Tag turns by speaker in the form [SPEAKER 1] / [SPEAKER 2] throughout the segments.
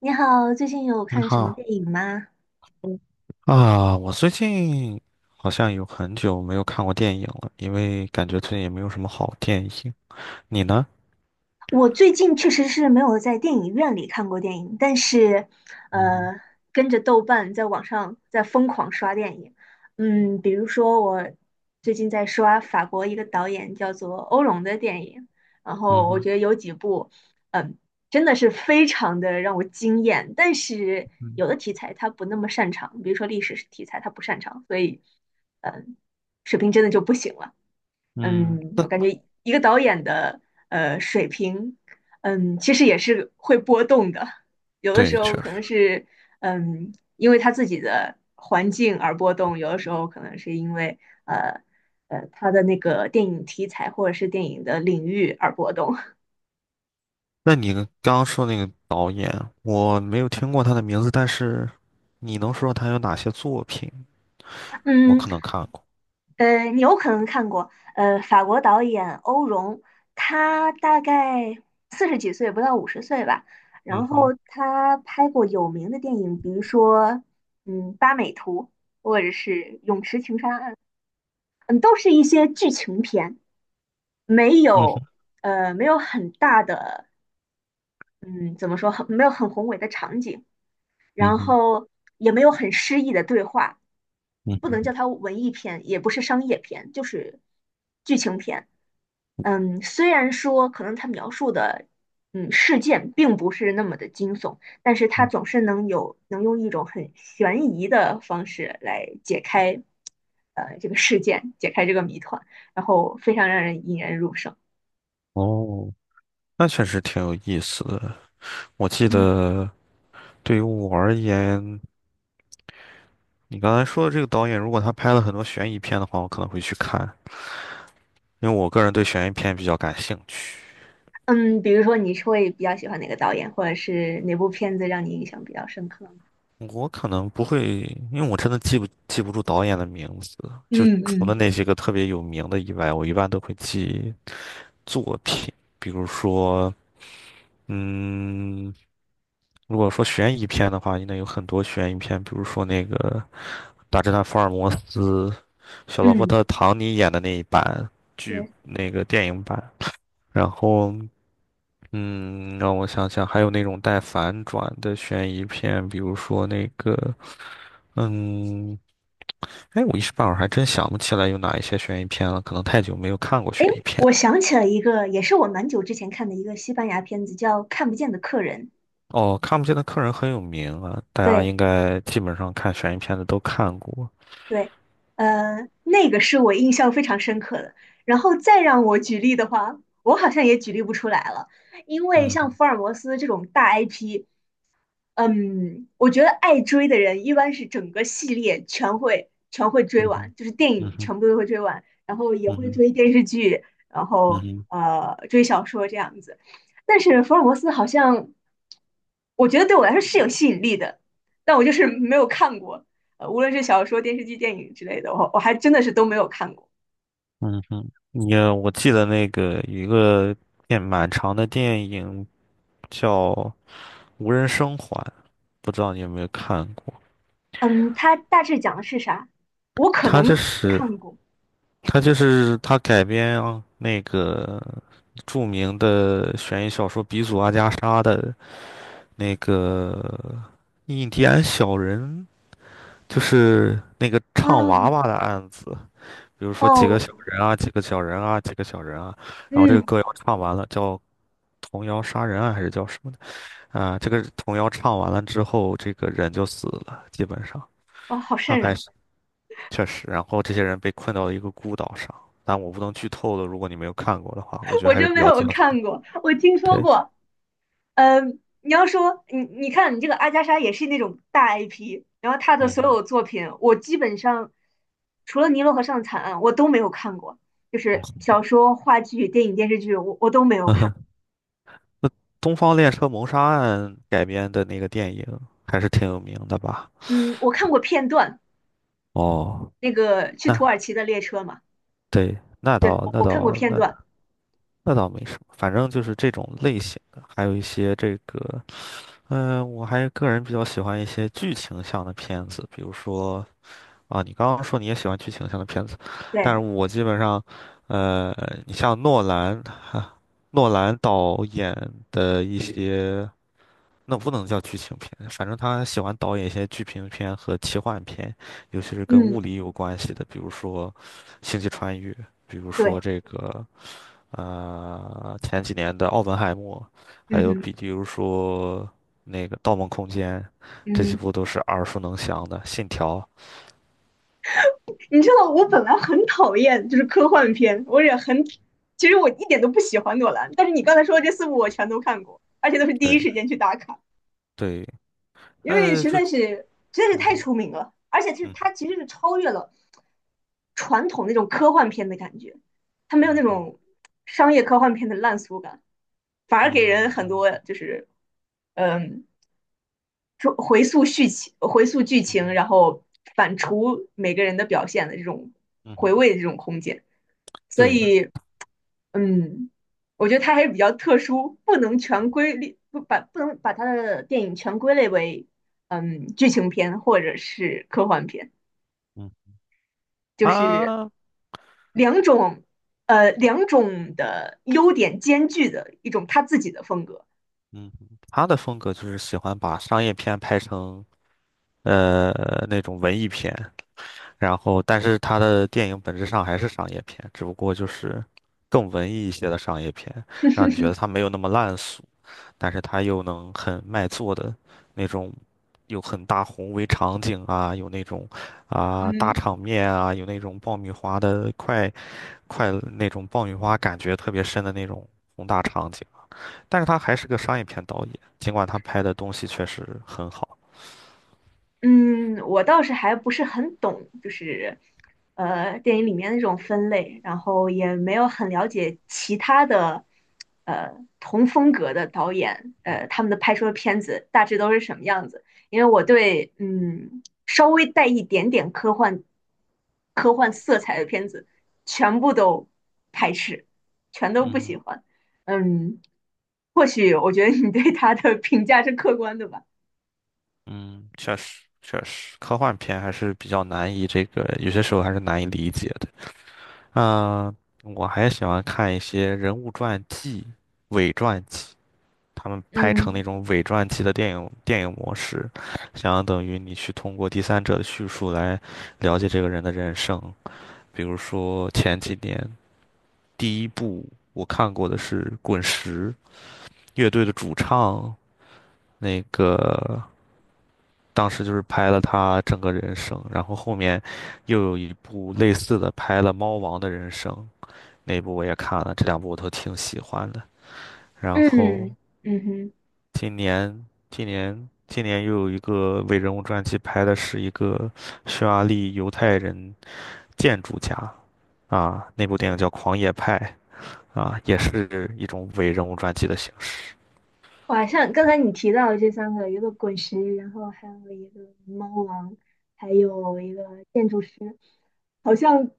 [SPEAKER 1] 你好，最近有
[SPEAKER 2] 你
[SPEAKER 1] 看什么
[SPEAKER 2] 好。
[SPEAKER 1] 电影吗？
[SPEAKER 2] 嗯。啊，我最近好像有很久没有看过电影了，因为感觉最近也没有什么好电影。你呢？
[SPEAKER 1] 我最近确实是没有在电影院里看过电影，但是，
[SPEAKER 2] 嗯哼。
[SPEAKER 1] 呃，跟着豆瓣在网上在疯狂刷电影。比如说我最近在刷法国一个导演叫做欧龙的电影，然
[SPEAKER 2] 嗯
[SPEAKER 1] 后我
[SPEAKER 2] 哼。
[SPEAKER 1] 觉得有几部，嗯，真的是非常的让我惊艳。但是
[SPEAKER 2] 嗯。
[SPEAKER 1] 有的题材他不那么擅长，比如说历史题材他不擅长，所以，嗯，水平真的就不行了。
[SPEAKER 2] 嗯，那
[SPEAKER 1] 我感觉一个导演的水平，其实也是会波动的。有的
[SPEAKER 2] 对，
[SPEAKER 1] 时
[SPEAKER 2] 确
[SPEAKER 1] 候可能
[SPEAKER 2] 实。
[SPEAKER 1] 是因为他自己的环境而波动；有的时候可能是因为呃他的那个电影题材或者是电影的领域而波动。
[SPEAKER 2] 那你刚刚说那个导演，我没有听过他的名字，但是你能说他有哪些作品？我
[SPEAKER 1] 嗯，
[SPEAKER 2] 可能看过。
[SPEAKER 1] 你有可能看过，法国导演欧容，他大概四十几岁，不到50岁吧。
[SPEAKER 2] 嗯
[SPEAKER 1] 然后
[SPEAKER 2] 哼。
[SPEAKER 1] 他拍过有名的电影，比如说，《八美图》或者是《泳池情杀案》，都是一些剧情片，没
[SPEAKER 2] 嗯
[SPEAKER 1] 有，
[SPEAKER 2] 哼。
[SPEAKER 1] 没有很大的，嗯，怎么说，没有很宏伟的场景，
[SPEAKER 2] 嗯
[SPEAKER 1] 然
[SPEAKER 2] 哼。
[SPEAKER 1] 后也没有很诗意的对话，
[SPEAKER 2] 嗯
[SPEAKER 1] 不能
[SPEAKER 2] 哼。
[SPEAKER 1] 叫它文艺片，也不是商业片，就是剧情片。虽然说可能它描述的事件并不是那么的惊悚，但是它
[SPEAKER 2] 嗯。
[SPEAKER 1] 总是能用一种很悬疑的方式来解开这个事件，解开这个谜团，然后非常让人引人入胜。
[SPEAKER 2] 哦，那确实挺有意思的。我记
[SPEAKER 1] 嗯，
[SPEAKER 2] 得对于我而言。你刚才说的这个导演，如果他拍了很多悬疑片的话，我可能会去看，因为我个人对悬疑片比较感兴趣。
[SPEAKER 1] 嗯，比如说你是会比较喜欢哪个导演，或者是哪部片子让你印象比较深刻呢？
[SPEAKER 2] 我可能不会，因为我真的记不住导演的名字，就
[SPEAKER 1] 嗯
[SPEAKER 2] 除
[SPEAKER 1] 嗯。
[SPEAKER 2] 了那些个特别有名的以外，我一般都会记作品。比如说，嗯，如果说悬疑片的话，应该有很多悬疑片，比如说那个《大侦探福尔摩斯》，小罗伯
[SPEAKER 1] 嗯，
[SPEAKER 2] 特·唐尼演的那一版剧，
[SPEAKER 1] 对。
[SPEAKER 2] 那个电影版。然后嗯，让我想想，还有那种带反转的悬疑片，比如说那个，嗯，哎，我一时半会儿还真想不起来有哪一些悬疑片了，可能太久没有看过悬
[SPEAKER 1] 哎，
[SPEAKER 2] 疑片
[SPEAKER 1] 我
[SPEAKER 2] 了。
[SPEAKER 1] 想起了一个，也是我蛮久之前看的一个西班牙片子，叫《看不见的客人》。
[SPEAKER 2] 哦，看不见的客人很有名啊，大家
[SPEAKER 1] 对
[SPEAKER 2] 应该基本上看悬疑片的都看过。
[SPEAKER 1] 对，那个是我印象非常深刻的。然后再让我举例的话，我好像也举例不出来了，因为
[SPEAKER 2] 嗯
[SPEAKER 1] 像
[SPEAKER 2] 哼。
[SPEAKER 1] 福尔摩斯这种大 IP，我觉得爱追的人一般是整个系列全会追
[SPEAKER 2] 嗯哼。
[SPEAKER 1] 完，就是电
[SPEAKER 2] 嗯
[SPEAKER 1] 影
[SPEAKER 2] 哼。
[SPEAKER 1] 全部都会追完，然后也
[SPEAKER 2] 嗯
[SPEAKER 1] 会
[SPEAKER 2] 哼。
[SPEAKER 1] 追电视剧，然
[SPEAKER 2] 嗯
[SPEAKER 1] 后
[SPEAKER 2] 哼。
[SPEAKER 1] 追小说这样子。但是福尔摩斯好像，我觉得对我来说是有吸引力的，但我就是没有看过，无论是小说、电视剧、电影之类的，我还真的是都没有看过。
[SPEAKER 2] 嗯哼。我记得那个有一个电蛮长的电影叫《无人生还》，不知道你有没有看过？
[SPEAKER 1] 嗯，它大致讲的是啥？我可
[SPEAKER 2] 他
[SPEAKER 1] 能
[SPEAKER 2] 这是
[SPEAKER 1] 看过。
[SPEAKER 2] 他就是他改编那个著名的悬疑小说鼻祖阿加莎的那个印第安小人，就是那个唱娃
[SPEAKER 1] 嗯，
[SPEAKER 2] 娃的案子，比如说几个
[SPEAKER 1] 哦，
[SPEAKER 2] 小人啊，几个小人啊，几个小人啊，然后这个
[SPEAKER 1] 嗯，
[SPEAKER 2] 歌要唱完了，叫童谣杀人案还是叫什么的啊？这个童谣唱完了之后，这个人就死了，基本上。
[SPEAKER 1] 哇，好
[SPEAKER 2] 他
[SPEAKER 1] 瘆
[SPEAKER 2] 还
[SPEAKER 1] 人。
[SPEAKER 2] 确实，然后这些人被困到了一个孤岛上，但我不能剧透了，如果你没有看过的话，我觉得
[SPEAKER 1] 我
[SPEAKER 2] 还是
[SPEAKER 1] 真
[SPEAKER 2] 比
[SPEAKER 1] 没
[SPEAKER 2] 较
[SPEAKER 1] 有
[SPEAKER 2] 精彩的。
[SPEAKER 1] 看过，我听说
[SPEAKER 2] 对。
[SPEAKER 1] 过。你要说你看你这个阿加莎也是那种大 IP，然后她的所
[SPEAKER 2] 嗯。
[SPEAKER 1] 有作品，我基本上除了《尼罗河上的惨案》，我都没有看过，就
[SPEAKER 2] 嗯
[SPEAKER 1] 是小
[SPEAKER 2] 哼。
[SPEAKER 1] 说、话剧、电影、电视剧，我都没有
[SPEAKER 2] 嗯
[SPEAKER 1] 看。
[SPEAKER 2] 哼。那《东方列车谋杀案》改编的那个电影还是挺有名的吧？
[SPEAKER 1] 嗯，我看过片段，
[SPEAKER 2] 哦，
[SPEAKER 1] 那个去土
[SPEAKER 2] 那
[SPEAKER 1] 耳其的列车嘛，
[SPEAKER 2] 对，那
[SPEAKER 1] 对，
[SPEAKER 2] 倒
[SPEAKER 1] 我
[SPEAKER 2] 那
[SPEAKER 1] 我看过
[SPEAKER 2] 倒
[SPEAKER 1] 片
[SPEAKER 2] 那
[SPEAKER 1] 段，
[SPEAKER 2] 那倒没什么，反正就是这种类型的，还有一些这个。我还个人比较喜欢一些剧情向的片子，比如说。啊，你刚刚说你也喜欢剧情向的片子，但是
[SPEAKER 1] 对，
[SPEAKER 2] 我基本上，呃，你像诺兰导演的一些，那不能叫剧情片，反正他喜欢导演一些剧情片和奇幻片，尤其是跟物
[SPEAKER 1] 嗯，
[SPEAKER 2] 理有关系的，比如说《星际穿越》，比如说
[SPEAKER 1] 对，
[SPEAKER 2] 这个前几年的《奥本海默》，还
[SPEAKER 1] 嗯
[SPEAKER 2] 有
[SPEAKER 1] 哼，
[SPEAKER 2] 比如说那个《盗梦空间》，这几
[SPEAKER 1] 嗯哼。
[SPEAKER 2] 部都是耳熟能详的，《信条》。
[SPEAKER 1] 你知道，我本来很讨厌就是科幻片，我也很，其实我一点都不喜欢诺兰，但是你刚才说的这四部我全都看过，而且都是第一
[SPEAKER 2] 对。
[SPEAKER 1] 时间去打卡，
[SPEAKER 2] 对。
[SPEAKER 1] 因为实
[SPEAKER 2] 就
[SPEAKER 1] 在是实在是
[SPEAKER 2] 嗯
[SPEAKER 1] 太
[SPEAKER 2] 哼。
[SPEAKER 1] 出名了，而且是
[SPEAKER 2] 嗯
[SPEAKER 1] 它其实是超越了传统那种科幻片的感觉，它没有
[SPEAKER 2] 嗯
[SPEAKER 1] 那
[SPEAKER 2] 哼。
[SPEAKER 1] 种商业科幻片的烂俗感，反而给
[SPEAKER 2] 嗯
[SPEAKER 1] 人很多
[SPEAKER 2] 嗯
[SPEAKER 1] 就是嗯，说回溯剧情、回溯剧
[SPEAKER 2] 嗯
[SPEAKER 1] 情，
[SPEAKER 2] 哼。
[SPEAKER 1] 然后反刍每个人的表现的这种
[SPEAKER 2] 嗯
[SPEAKER 1] 回
[SPEAKER 2] 哼。
[SPEAKER 1] 味的这种空间。所
[SPEAKER 2] 对。
[SPEAKER 1] 以嗯，我觉得它还是比较特殊，不能全归类，不能把它的电影全归类为剧情片或者是科幻片，
[SPEAKER 2] 嗯。
[SPEAKER 1] 就是
[SPEAKER 2] 他。
[SPEAKER 1] 两种两种的优点兼具的一种他自己的风格。
[SPEAKER 2] 嗯哼。他的风格就是喜欢把商业片拍成呃那种文艺片，然后但是他的电影本质上还是商业片，只不过就是更文艺一些的商业片，让你觉得他没有那么烂俗，但是他又能很卖座的那种。有很大宏伟场景啊，有那种啊大
[SPEAKER 1] 嗯。
[SPEAKER 2] 场面啊，有那种爆米花的快乐那种爆米花感觉特别深的那种宏大场景，但是他还是个商业片导演，尽管他拍的东西确实很好。
[SPEAKER 1] 嗯，我倒是还不是很懂，就是电影里面那种分类，然后也没有很了解其他的呃同风格的导演，他们的拍出的片子大致都是什么样子。因为我对稍微带一点点科幻色彩的片子全部都排斥，全都
[SPEAKER 2] 嗯
[SPEAKER 1] 不喜
[SPEAKER 2] 哼。
[SPEAKER 1] 欢。嗯，或许我觉得你对他的评价是客观的吧。
[SPEAKER 2] 嗯，确实确实，科幻片还是比较难以这个，有些时候还是难以理解的。嗯、我还喜欢看一些人物传记、伪传记，他们拍成
[SPEAKER 1] 嗯。
[SPEAKER 2] 那种伪传记的电影模式，相等于你去通过第三者的叙述来了解这个人的人生。比如说前几年。第一部我看过的是滚石乐队的主唱，那个当时就是拍了他整个人生，然后后面又有一部类似的拍了猫王的人生，那部我也看了，这两部我都挺喜欢的。然后
[SPEAKER 1] 嗯嗯哼。
[SPEAKER 2] 今年今年又有一个伟人物传记，拍的是一个匈牙利犹太人建筑家啊，那部电影叫《狂野派》啊，也是一种伪人物传记的形式。
[SPEAKER 1] 哇，像刚才你提到的这三个，一个滚石，然后还有一个猫王，还有一个建筑师，好像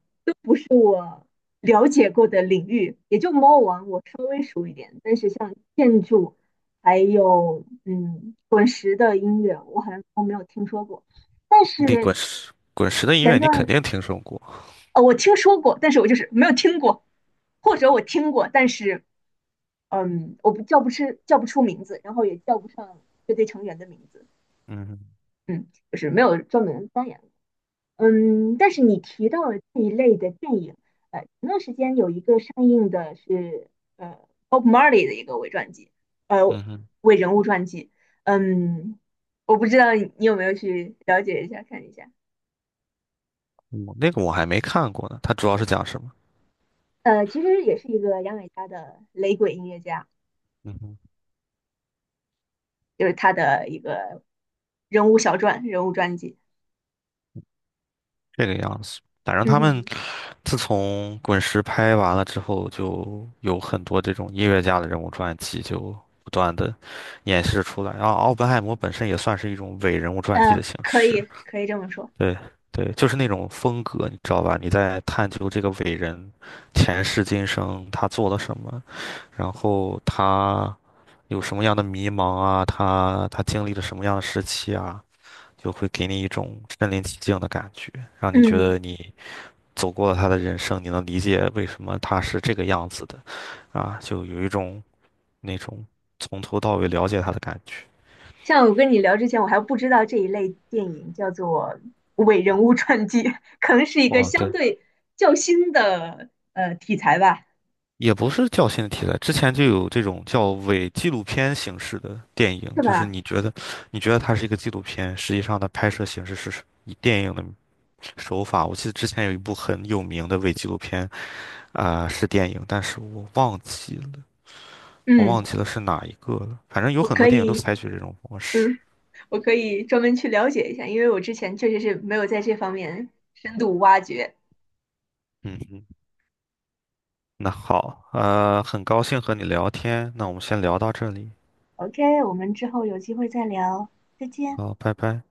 [SPEAKER 1] 了解过的领域，也就猫王我稍微熟一点，但是像建筑，还有滚石的音乐，我好像都没有听说过。但
[SPEAKER 2] 那
[SPEAKER 1] 是
[SPEAKER 2] 滚石的音乐
[SPEAKER 1] 前
[SPEAKER 2] 你肯
[SPEAKER 1] 段
[SPEAKER 2] 定听说过。
[SPEAKER 1] 我听说过，但是我就是没有听过，或者我听过，但是我不叫不出名字，然后也叫不上乐队成员的名字，
[SPEAKER 2] 嗯哼。
[SPEAKER 1] 嗯，就是没有专门钻研过，但是你提到了这一类的电影，前段时间有一个上映的是呃 Bob Marley 的一个伪传记，呃，
[SPEAKER 2] 嗯哼。
[SPEAKER 1] 伪人物传记，嗯，我不知道你有没有去了解一下看一下，
[SPEAKER 2] 我那个我还没看过呢，它主要是讲什么？
[SPEAKER 1] 其实也是一个牙买加的雷鬼音乐家，
[SPEAKER 2] 嗯哼。
[SPEAKER 1] 就是他的一个人物小传、人物传记，
[SPEAKER 2] 这个样子。反正
[SPEAKER 1] 嗯
[SPEAKER 2] 他们
[SPEAKER 1] 哼。
[SPEAKER 2] 自从滚石拍完了之后，就有很多这种音乐家的人物传记，就不断的演示出来。然后奥本海默本身也算是一种伪人物传记的
[SPEAKER 1] 嗯，
[SPEAKER 2] 形
[SPEAKER 1] 可
[SPEAKER 2] 式，
[SPEAKER 1] 以，可以这么说。
[SPEAKER 2] 对对，就是那种风格，你知道吧？你在探究这个伟人前世今生，他做了什么，然后他。有什么样的迷茫啊，他经历了什么样的时期啊，就会给你一种身临其境的感觉，让你觉
[SPEAKER 1] 嗯，
[SPEAKER 2] 得你走过了他的人生，你能理解为什么他是这个样子的啊，就有一种那种从头到尾了解他的感觉。
[SPEAKER 1] 像我跟你聊之前，我还不知道这一类电影叫做伪人物传记，可能是一个
[SPEAKER 2] 哦，
[SPEAKER 1] 相
[SPEAKER 2] 对，
[SPEAKER 1] 对较新的题材吧，
[SPEAKER 2] 也不是较新的题材，之前就有这种叫伪纪录片形式的电影，
[SPEAKER 1] 是
[SPEAKER 2] 就是
[SPEAKER 1] 吧？
[SPEAKER 2] 你觉得它是一个纪录片，实际上它拍摄形式是以电影的手法。我记得之前有一部很有名的伪纪录片，啊、是电影，但是我忘记了，我
[SPEAKER 1] 嗯，
[SPEAKER 2] 忘记了是哪一个了。反正有
[SPEAKER 1] 我
[SPEAKER 2] 很多
[SPEAKER 1] 可
[SPEAKER 2] 电影都
[SPEAKER 1] 以，
[SPEAKER 2] 采取这种模式。
[SPEAKER 1] 嗯，我可以专门去了解一下，因为我之前确实是没有在这方面深度挖掘。
[SPEAKER 2] 嗯嗯，那好，很高兴和你聊天，那我们先聊到这里，
[SPEAKER 1] OK，我们之后有机会再聊，再见。
[SPEAKER 2] 好，拜拜。